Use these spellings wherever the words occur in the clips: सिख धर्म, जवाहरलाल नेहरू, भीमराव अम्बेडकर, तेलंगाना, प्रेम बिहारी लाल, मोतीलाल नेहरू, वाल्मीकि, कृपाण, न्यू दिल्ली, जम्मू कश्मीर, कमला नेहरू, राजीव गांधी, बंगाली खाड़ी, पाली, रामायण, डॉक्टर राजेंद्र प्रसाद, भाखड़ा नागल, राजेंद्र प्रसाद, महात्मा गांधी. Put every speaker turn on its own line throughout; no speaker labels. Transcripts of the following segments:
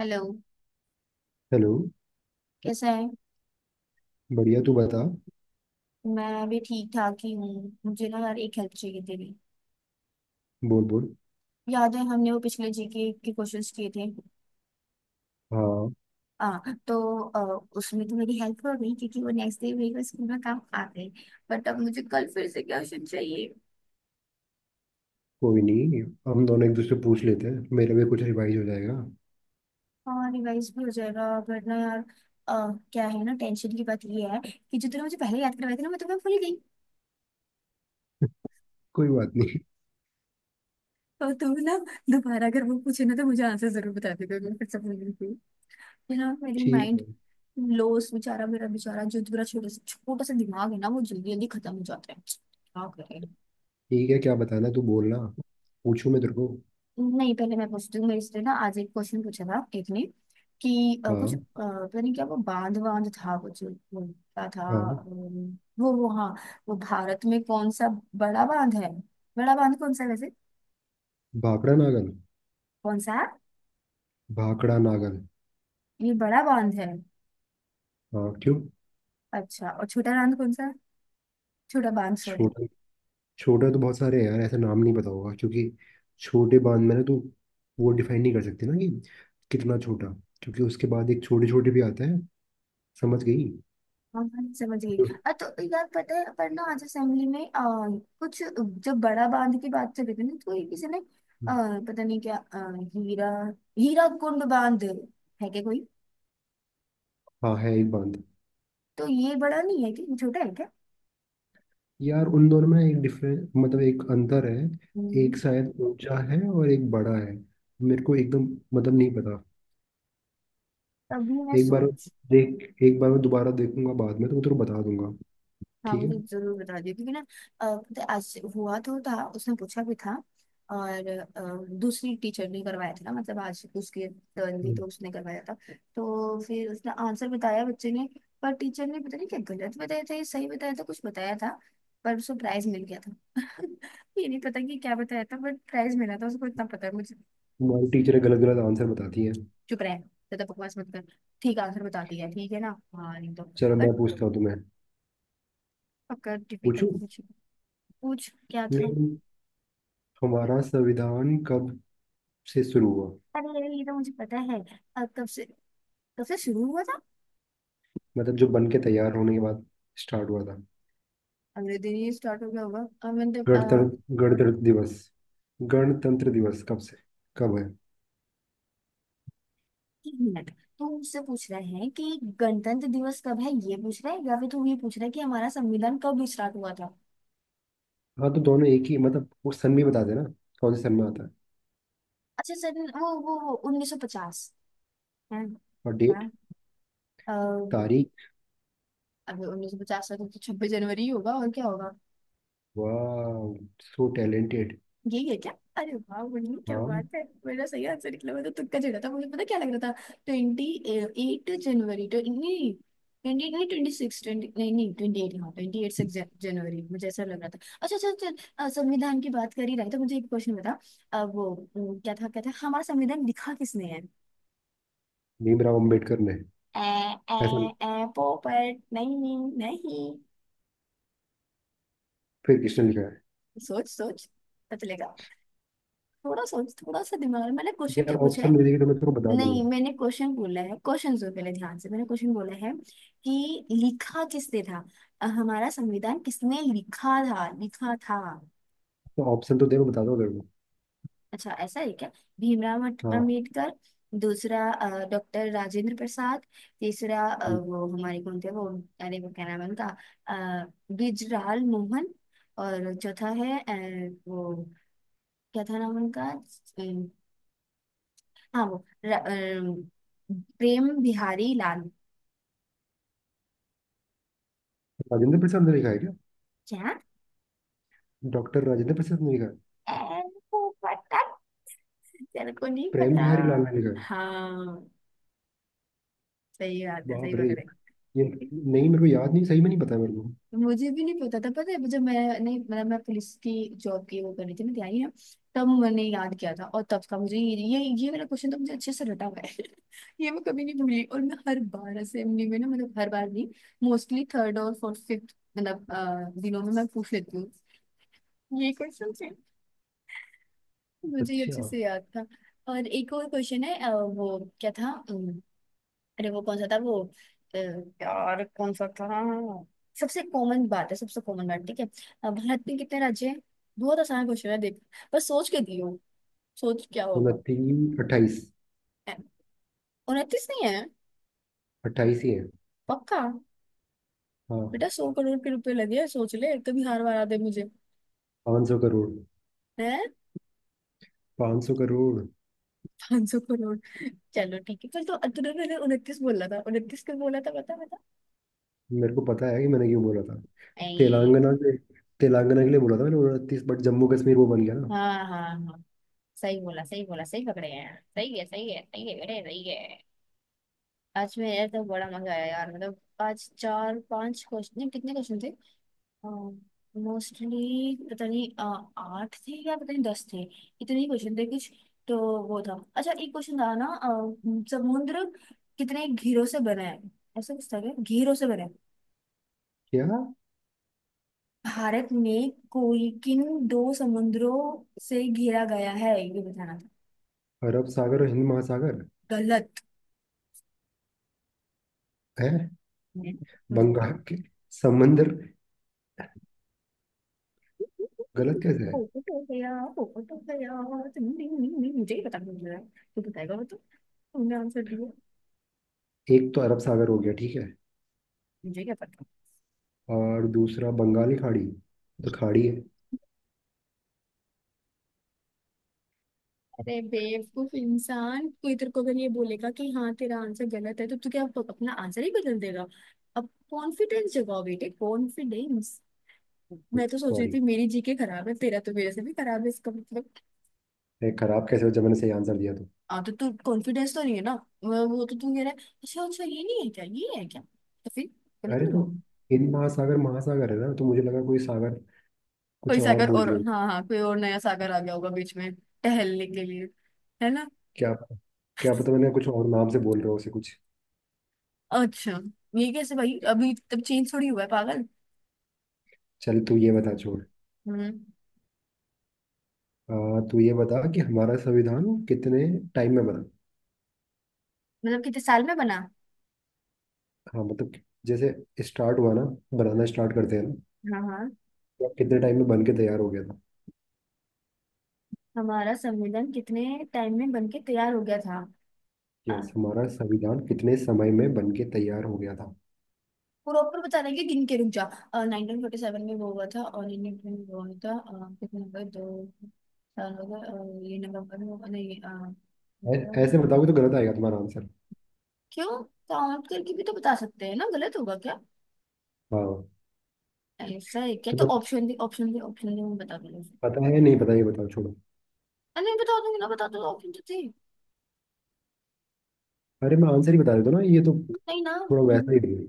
Hello.
Hello.
कैसा है?
बढ़िया, तू बता।
मैं भी ठीक ठाक ही हूँ। मुझे ना यार एक हेल्प चाहिए तेरी।
बोल बोल।
याद है हमने वो पिछले जीके के क्वेश्चंस किए थे?
हाँ।
हाँ तो उसमें तो मेरी हेल्प हो गई क्योंकि वो नेक्स्ट डे मेरे स्कूल में काम आ गए। बट अब मुझे कल फिर से क्वेश्चन चाहिए।
कोई नहीं, हम दोनों एक दूसरे पूछ लेते हैं, मेरा भी कुछ रिवाइज हो जाएगा।
हाँ रिवाइज भी हो जाएगा वरना यार अ, क्या है ना, टेंशन की बात ये है कि जो तूने मुझे पहले याद करवाया था ना मैं भूल गई।
कोई बात नहीं।
तो तू ना दोबारा अगर वो पूछे ना तो मुझे आंसर जरूर बता देगा, मैं फिर से भूल गई थी। है ना, मेरी
ठीक
माइंड
है।
लॉस बेचारा, मेरा बेचारा जो मेरा छोटा सा दिमाग है ना वो जल्दी जल्दी खत्म हो जाता है, क्या करें।
ठीक है, क्या बताना? तू बोलना। पूछूं मैं तेरे को?
नहीं पहले मैं पूछती हूँ, मेरे से ना आज एक क्वेश्चन पूछा था एक ने कि कुछ
हाँ।
पता नहीं क्या, वो बांध बांध था कुछ, वो क्या था?
हाँ।
वो हाँ, वो भारत में कौन सा बड़ा बांध है? बड़ा बांध कौन सा है वैसे?
भाखड़ा नागल।
कौन सा है?
भाखड़ा नागल।
ये बड़ा बांध है?
हाँ, क्यों?
अच्छा, और छोटा बांध कौन सा है? छोटा बांध सॉरी।
छोटा? छोटा तो बहुत सारे हैं यार, ऐसा नाम नहीं पता होगा, क्योंकि छोटे बांध में ना तू वो डिफाइन नहीं कर सकती ना कि कितना छोटा, क्योंकि उसके बाद एक छोटे छोटे भी आता है। समझ गई?
हाँ हाँ, समझ गई।
जो-
तो यार पता है, पर ना आज असेंबली में कुछ जब बड़ा बांध की बात चल रही थी ना तो ये किसी ने पता नहीं क्या हीरा, कुंड बांध है क्या कोई?
हाँ, है एक बांध।
तो ये बड़ा नहीं है कि छोटा है क्या?
यार, उन दोनों में एक डिफरेंस, मतलब एक अंतर है। एक
हम्म,
शायद ऊंचा है और एक बड़ा है। मेरे को एकदम मतलब नहीं पता।
तभी मैं
एक बार
सोच।
देख, एक बार मैं दोबारा देखूंगा बाद में, तो मैं तेरे को बता दूंगा।
हाँ
ठीक है।
मुझे जरूर बता दियो क्योंकि ना पता है, आज हुआ तो था, उसने पूछा भी था और दूसरी टीचर ने करवाया था ना, मतलब आज उसकी टर्न थी
हम्म।
तो उसने करवाया था। तो फिर उसने आंसर बताया बच्चे ने, पर टीचर ने पता नहीं क्या गलत बताया था या सही बताया था, कुछ बताया था। पर उसको प्राइज मिल गया था ये नहीं पता कि क्या बताया था बट प्राइज मिला था उसको, इतना पता है मुझे।
तुम्हारी टीचर गलत गलत आंसर बताती है।
चुप रहे, ज्यादा बकवास मत कर। ठीक आंसर बता दिया, ठीक है ना। हाँ नहीं तो।
चलो,
बट
मैं पूछता हूँ तुम्हें।
पक्का
पूछू?
डिफिकल्ट पूछ। पूछ क्या था।
नहीं, हमारा संविधान कब से शुरू हुआ?
अरे यार, ये तो मुझे पता है। कब से, कब से शुरू हुआ था?
मतलब जो बन के तैयार होने के बाद स्टार्ट हुआ था।
अगले दिन ही स्टार्ट हो गया होगा। अब मैंने तो,
गणतंत्र गणतंत्र दिवस। गणतंत्र दिवस कब से, कब है?
एक मिनट। तू मुझसे पूछ रहा है कि गणतंत्र दिवस कब है ये पूछ रहा है, या फिर तू ये पूछ रहा है कि हमारा संविधान कब स्टार्ट हुआ था?
हाँ, तो दोनों एक ही, मतलब वो सन भी बता देना, कौन से सन में आता है।
अच्छा सर, वो 1950 है
और
क्या?
डेट,
अ,
तारीख।
अभी 1950 तो 26 जनवरी ही होगा और क्या होगा।
वाह, सो टैलेंटेड।
यही है क्या? अरे वाह मुन्नी, क्या
हाँ।
बात है, मेरा सही आंसर निकला, मैं तो तुक्का चिढ़ा था, मुझे पता क्या लग रहा था। 28 जनवरी तो नहीं, ट्वेंटी नहीं 26, ट्वेंटी नहीं नहीं 28, हाँ 28 6 जनवरी मुझे ऐसा लग रहा था। अच्छा अच्छा चल। संविधान की बात कर ही रहे तो मुझे एक क्वेश्चन बता। वो क्या था क्या था, हमारा संविधान लिखा किसने है?
भीमराव अम्बेडकर ने।
ए ए
ऐसा?
ए पोपट नहीं। नहीं,
फिर किसने लिखा है?
सोच सोच पता चलेगा, थोड़ा सोच, थोड़ा सा दिमाग। मैंने क्वेश्चन क्या
यार,
पूछा
ऑप्शन
है?
में देगी तो मैं तेरे को बता दूंगा।
नहीं, मैंने क्वेश्चन बोला है, क्वेश्चन सुन पहले ध्यान से। मैंने क्वेश्चन बोला है कि लिखा किसने था। हमारा संविधान किसने लिखा था लिखा था।
तो ऑप्शन तो दे, मैं बता दूंगा तेरे को।
अच्छा ऐसा है क्या। भीमराव
हाँ।
अम्बेडकर। दूसरा, डॉक्टर राजेंद्र प्रसाद। तीसरा
हम्म।
वो हमारे कौन थे वो, अरे वो क्या नाम है उनका, अ, गुजराल मोहन। और चौथा है वो क्या था नाम उनका, अ, हाँ वो प्रेम बिहारी लाल।
राजेंद्र प्रसाद ने लिखा है क्या?
क्या?
डॉक्टर राजेंद्र प्रसाद ने लिखा है?
ऐ, वो पता, टीचर को नहीं
प्रेम
पता।
बिहारी लाल ने लिखा है।
हाँ, सही बात है, सही
बाप रे,
पकड़े।
ये नहीं मेरे को याद, नहीं सही में नहीं पता मेरे को।
मुझे भी नहीं पता था, पता है जब मैंने मतलब मैं पुलिस की जॉब की वो कर रही थी मैं तैयारी ना, तब मैंने याद किया था और तब का मुझे ये मेरा क्वेश्चन तो मुझे अच्छे से रटा हुआ है ये मैं कभी नहीं भूली और मैं हर बार असेंबली में ना, मतलब हर बार नहीं, मोस्टली थर्ड और फोर्थ फिफ्थ मतलब दिनों में मैं पूछ लेती हूँ ये क्वेश्चन से, मुझे ये अच्छे
अच्छा।
से याद था। और एक और क्वेश्चन है, वो क्या था, अरे वो कौन सा था वो, यार कौन सा था। सबसे कॉमन बात है, सबसे कॉमन बात ठीक है। भारत में कितने राज्य हैं? बहुत आसान क्वेश्चन है देख, बस सोच के दियो, सोच क्या होगा।
29, 28।
उनतीस नहीं है?
28 ही है।
पक्का?
हाँ।
बेटा 100 करोड़ के रुपए लगे हैं, सोच ले कभी हार वारा दे मुझे।
500 करोड़।
है?
500 करोड़।
500 करोड़। चलो ठीक है, कल तो तूने 29 बोला था, 29 क्यों बोला था बता बता।
मेरे को पता है कि मैंने क्यों बोला था।
ऐ,
तेलंगाना के तेलंगाना के लिए बोला था मैंने 29, बट जम्मू कश्मीर वो बन गया ना।
हाँ हाँ हाँ, सही बोला सही बोला, सही पकड़े हैं। सही है सही है सही है बेटे सही है। आज में यार तो बड़ा मजा आया यार, मतलब आज चार पांच क्वेश्चन नहीं, कितने क्वेश्चन थे, मोस्टली पता नहीं आठ थे या पता नहीं 10 थे, इतने ही क्वेश्चन थे कुछ तो। वो था अच्छा, एक क्वेश्चन था ना समुद्र कितने घेरों से बना है, ऐसा कुछ था क्या, घेरों से बना है,
क्या?
भारत में कोई किन दो समुद्रों से घिरा गया है ये बताना था।
अरब सागर और हिंद महासागर।
गलत
है।
है। मुझे
बंगाल के समंदर। गलत कैसे है?
보고 보세요, 보고 보세요. 등등등등 मुझे ही पता नहीं है? तू बताएगा वो तो, तुमने आंसर दिया।
एक तो अरब सागर हो गया, ठीक है,
मुझे क्या पता।
और दूसरा बंगाली खाड़ी, तो खाड़ी है।
अरे बेवकूफ इंसान, कोई तेरे को अगर ये बोलेगा कि हाँ तेरा आंसर गलत है तो तू क्या अपना आंसर ही बदल देगा? अब कॉन्फिडेंस जगाओ बेटे, कॉन्फिडेंस। मैं तो सोच रही थी
सॉरी।
मेरी जीके खराब है, तेरा तो मेरे से भी खराब है इसका मतलब।
खराब कैसे हो, जब मैंने सही आंसर दिया तो।
हाँ तो तू कॉन्फिडेंस तो नहीं है ना, वो तो तू कह रहा है। अच्छा अच्छा, ये नहीं है क्या, ये है क्या तो फिर, गलत
अरे
नहीं
तो
हुआ।
हिंद महासागर महासागर है ना, तो मुझे लगा कोई सागर कुछ
कोई
और
सागर,
बोल
और
रहे हो।
हाँ हाँ कोई और नया सागर आ गया होगा बीच में टहलने के लिए, है ना।
क्या पता- क्या पता, मैंने कुछ और नाम से बोल रहे हो उसे, कुछ।
अच्छा ये कैसे भाई, अभी तब चेंज थोड़ी हुआ है पागल।
चल, तू ये बता, छोड़।
हम्म।
हाँ, तो ये बता कि हमारा संविधान कितने टाइम में बना।
मतलब कितने साल में बना।
हाँ, मतलब कि जैसे स्टार्ट हुआ ना, बनाना स्टार्ट करते हैं ना,
हाँ हाँ।
या कितने टाइम में बन के तैयार हो गया था।
हमारा संविधान कितने टाइम में बन के तैयार हो गया था। आ,
यस, हमारा संविधान कितने समय में बन के तैयार हो गया था।
प्रॉपर बता रहे कि गिन के रुक जा। 1947 में वो हुआ था और इंडियन में वो हुआ था, कितने नंबर दो साल हो गए, ये नवंबर में नहीं
ऐ-
नवंबर,
ऐसे बताओगे तो
दिसंबर।
गलत आएगा तुम्हारा आंसर।
क्यों? काउंट करके भी तो बता सकते हैं ना, गलत होगा?
हाँ।
ऐसा है क्या, तो
तुम्हें
ऑप्शन दी ऑप्शन दी ऑप्शन दी, मैं बता दूंगी।
पता है नहीं पता, ये बताओ, छोड़ो।
अरे नहीं बता दूंगी ना बता दूंगी, ऑप्शन तो थे।
अरे, मैं आंसर ही बता देता हूँ ना, ये तो
नहीं ना,
थोड़ा वैसा ही है।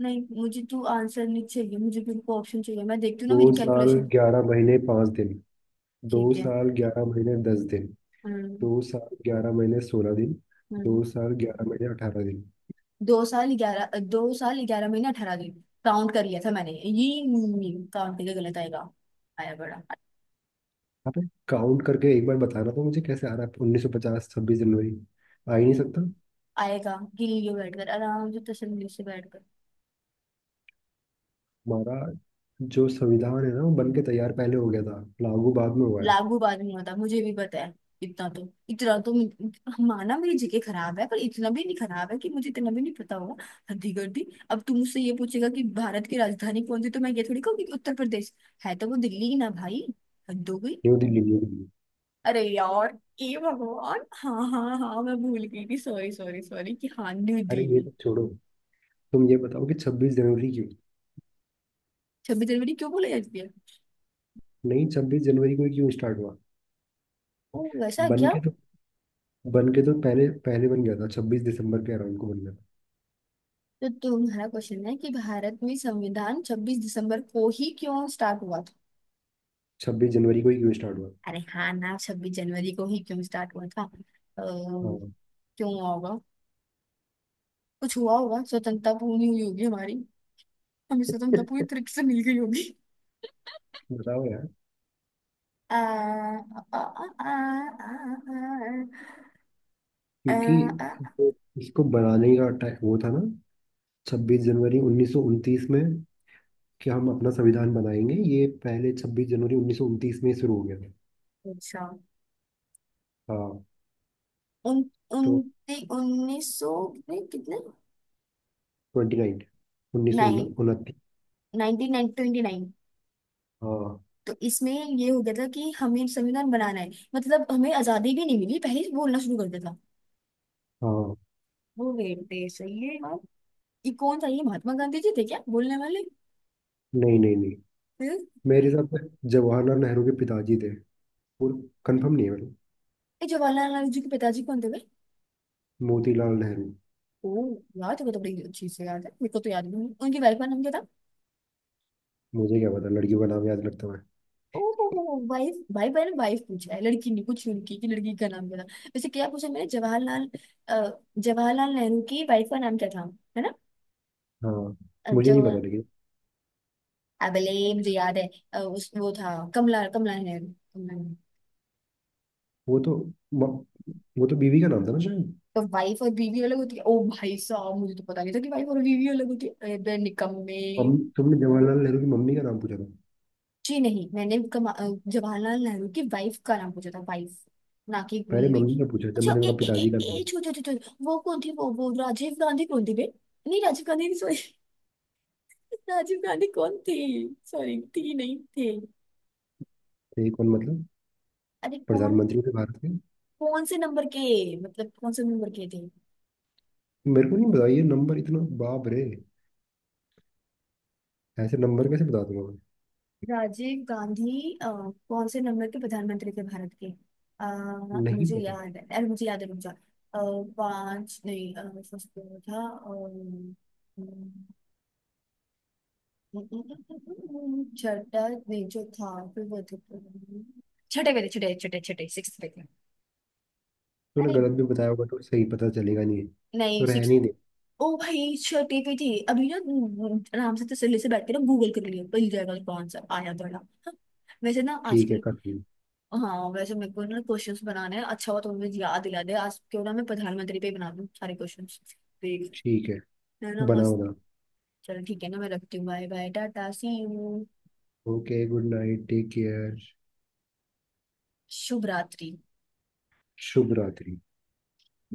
नहीं मुझे तो आंसर नहीं चाहिए, मुझे बिल्कुल ऑप्शन चाहिए, मैं देखती हूँ ना
दो
मेरी
साल
कैलकुलेशन।
ग्यारह महीने पाँच दिन दो
ठीक है।
साल ग्यारह महीने दस दिन
हम्म।
2 साल 11 महीने 16 दिन। दो
हम्म।
साल ग्यारह महीने अठारह दिन
2 साल 11 महीने 18 दिन, काउंट कर लिया था मैंने ये। काउंट करके गलत आएगा? आया बड़ा।
आप काउंट करके एक बार बताना तो, मुझे कैसे आ रहा है 26 जनवरी 1950? आ ही नहीं सकता।
आएगा गिल्ली बैठकर आराम से, तसल्ली से बैठकर।
हमारा जो संविधान है ना, वो बन के तैयार पहले हो गया था, लागू बाद में हुआ है।
लागू बात नहीं होता, मुझे भी पता है इतना तो, इतना तो माना मेरी जीके खराब है पर इतना भी नहीं खराब है कि मुझे इतना भी नहीं पता होगा, हद्दी कर दी। अब तुम मुझसे ये पूछेगा कि भारत की राजधानी कौन सी, तो मैं ये थोड़ी कहूंगी कि उत्तर प्रदेश है, तो वो दिल्ली ही ना भाई, हद हो गई।
न्यू दिल्ली, न्यू दिल्ली।
अरे यार ए भगवान, हाँ हाँ हाँ मैं भूल गई थी, सॉरी सॉरी सॉरी, कि हाँ न्यू
अरे, ये
दिल्ली।
तो छोड़ो। तुम ये बताओ कि 26 जनवरी क्यों।
26 जनवरी क्यों बोला जाती है।
नहीं, 26 जनवरी को ही क्यों स्टार्ट हुआ?
ओ वैसा
बन
क्या।
के तो बन के तो पहले पहले बन गया था, 26 दिसंबर के अराउंड को बन गया था।
तो तुम्हारा क्वेश्चन है कि भारत में संविधान 26 दिसंबर को ही क्यों स्टार्ट हुआ।
26 जनवरी को ही क्यों स्टार्ट हुआ?
अरे हाँ ना, 26 जनवरी को ही क्यों स्टार्ट हुआ था
हाँ।
क्यों हुआ होगा, कुछ हुआ होगा, स्वतंत्रता पूरी हुई होगी हमारी, हमें स्वतंत्रता पूरी तरीके से मिल गई होगी।
बताओ यार।
आ, आ, आ, आ, आ, आ,
क्योंकि
आ,
जो इसको बनाने का टाइम वो था ना, 26 जनवरी 1929 में, कि हम अपना संविधान बनाएंगे, ये पहले 26 जनवरी 1929 में शुरू हो गया था।
अच्छा।
हाँ।
उन
तो
उन्ती उन्नीस सौ में कितने,
29। उन्नीस सौ
नाइन,
उनतीस
1929।
हाँ।
तो इसमें ये हो गया था कि हमें संविधान बनाना है, मतलब हमें आजादी भी नहीं मिली पहले ही बोलना शुरू कर दिया था।
हाँ।
वो वेट दे, सही है यार। ये कौन था, ये महात्मा गांधी जी थे क्या बोलने वाले।
नहीं नहीं नहीं।
फिर ये
मेरे हिसाब से जवाहरलाल नेहरू के पिताजी थे, और कंफर्म नहीं है मतलब।
जवाहरलाल नेहरू जी के पिताजी कौन थे भाई।
मोतीलाल नेहरू।
ओ यार, तेरे को तो बड़ी अच्छी से याद है, मेरे को तो याद भी नहीं, उनकी वाइफ का नाम क्या था।
मुझे क्या पता, लड़कियों का नाम याद रखता मैं?
ओ वाइफ, भाई भाई ने वाइफ पूछा है, लड़की नहीं पूछी उनकी कि लड़की का नाम क्या था। वैसे क्या पूछा मैंने, जवाहरलाल अ, जवाहरलाल नेहरू की वाइफ का नाम क्या था, है ना।
हाँ। मुझे
जो
नहीं पता लेकिन।
अबले मुझे याद है उस वो था कमला, कमला नेहरू, कमला नेहरू।
वो तो म- वो तो बीवी का नाम था ना शायद।
तो वाइफ और बीवी अलग होती है? ओ भाई साहब, मुझे तो पता नहीं था कि वाइफ और बीवी अलग होती है, अरे बे निकम्मे।
मम्मी, तुमने जवाहरलाल नेहरू की मम्मी का नाम पूछा था?
जी नहीं, मैंने जवाहरलाल नेहरू की वाइफ का नाम पूछा था, वाइफ, ना कि
पहले
मम्मी
मम्मी
की।
का पूछा, जब
अच्छा
मैंने
ए
उनका
ए
पिताजी का
ए, ए
नाम।
छो छो छो छो, वो कौन थी वो राजीव गांधी कौन थी बे, नहीं राजीव गांधी नहीं सॉरी राजीव गांधी कौन थी, सॉरी थी नहीं थे।
थे कौन मतलब?
अरे कौन,
प्रधानमंत्री थे भारत के?
कौन से नंबर के, मतलब कौन से नंबर के थे।
मेरे को नहीं पता ये नंबर, इतना बाप रे, ऐसे नंबर कैसे बता दूंगा?
राजीव गांधी कौन से नंबर के प्रधानमंत्री थे भारत के।
मैं नहीं
मुझे
पता।
याद है, अरे मुझे याद है, रुक जा पांच नहीं फर्स्ट पे वो था अ, छठा नहीं जो था फिर वो तो, छठे पे थे, छठे छठे छठे, सिक्स पे थे।
तूने
अरे
गलत भी बताया होगा तो सही पता चलेगा, नहीं तो
नहीं सिक्स,
रहने दे।
ओ भाई छठी पे थी अभी ना। आराम से तसल्ली से बैठ के ना, गूगल कर लिया मिल जाएगा, तो कौन सा आया दौड़ा। हाँ, वैसे ना
ठीक है,
आजकल।
कट।
हाँ वैसे मेरे को ना क्वेश्चंस बनाने हैं, अच्छा हुआ तो मुझे याद दिला दे, आज क्यों ना मैं प्रधानमंत्री पे ही बना दूं सारे क्वेश्चंस, देख,
ठीक है,
है ना
बना
मस्त।
बना।
चलो ठीक है ना, मैं रखती हूँ, bye bye tata see you.
Okay, good night, take care.
शुभ रात्रि।
शुभ रात्रि।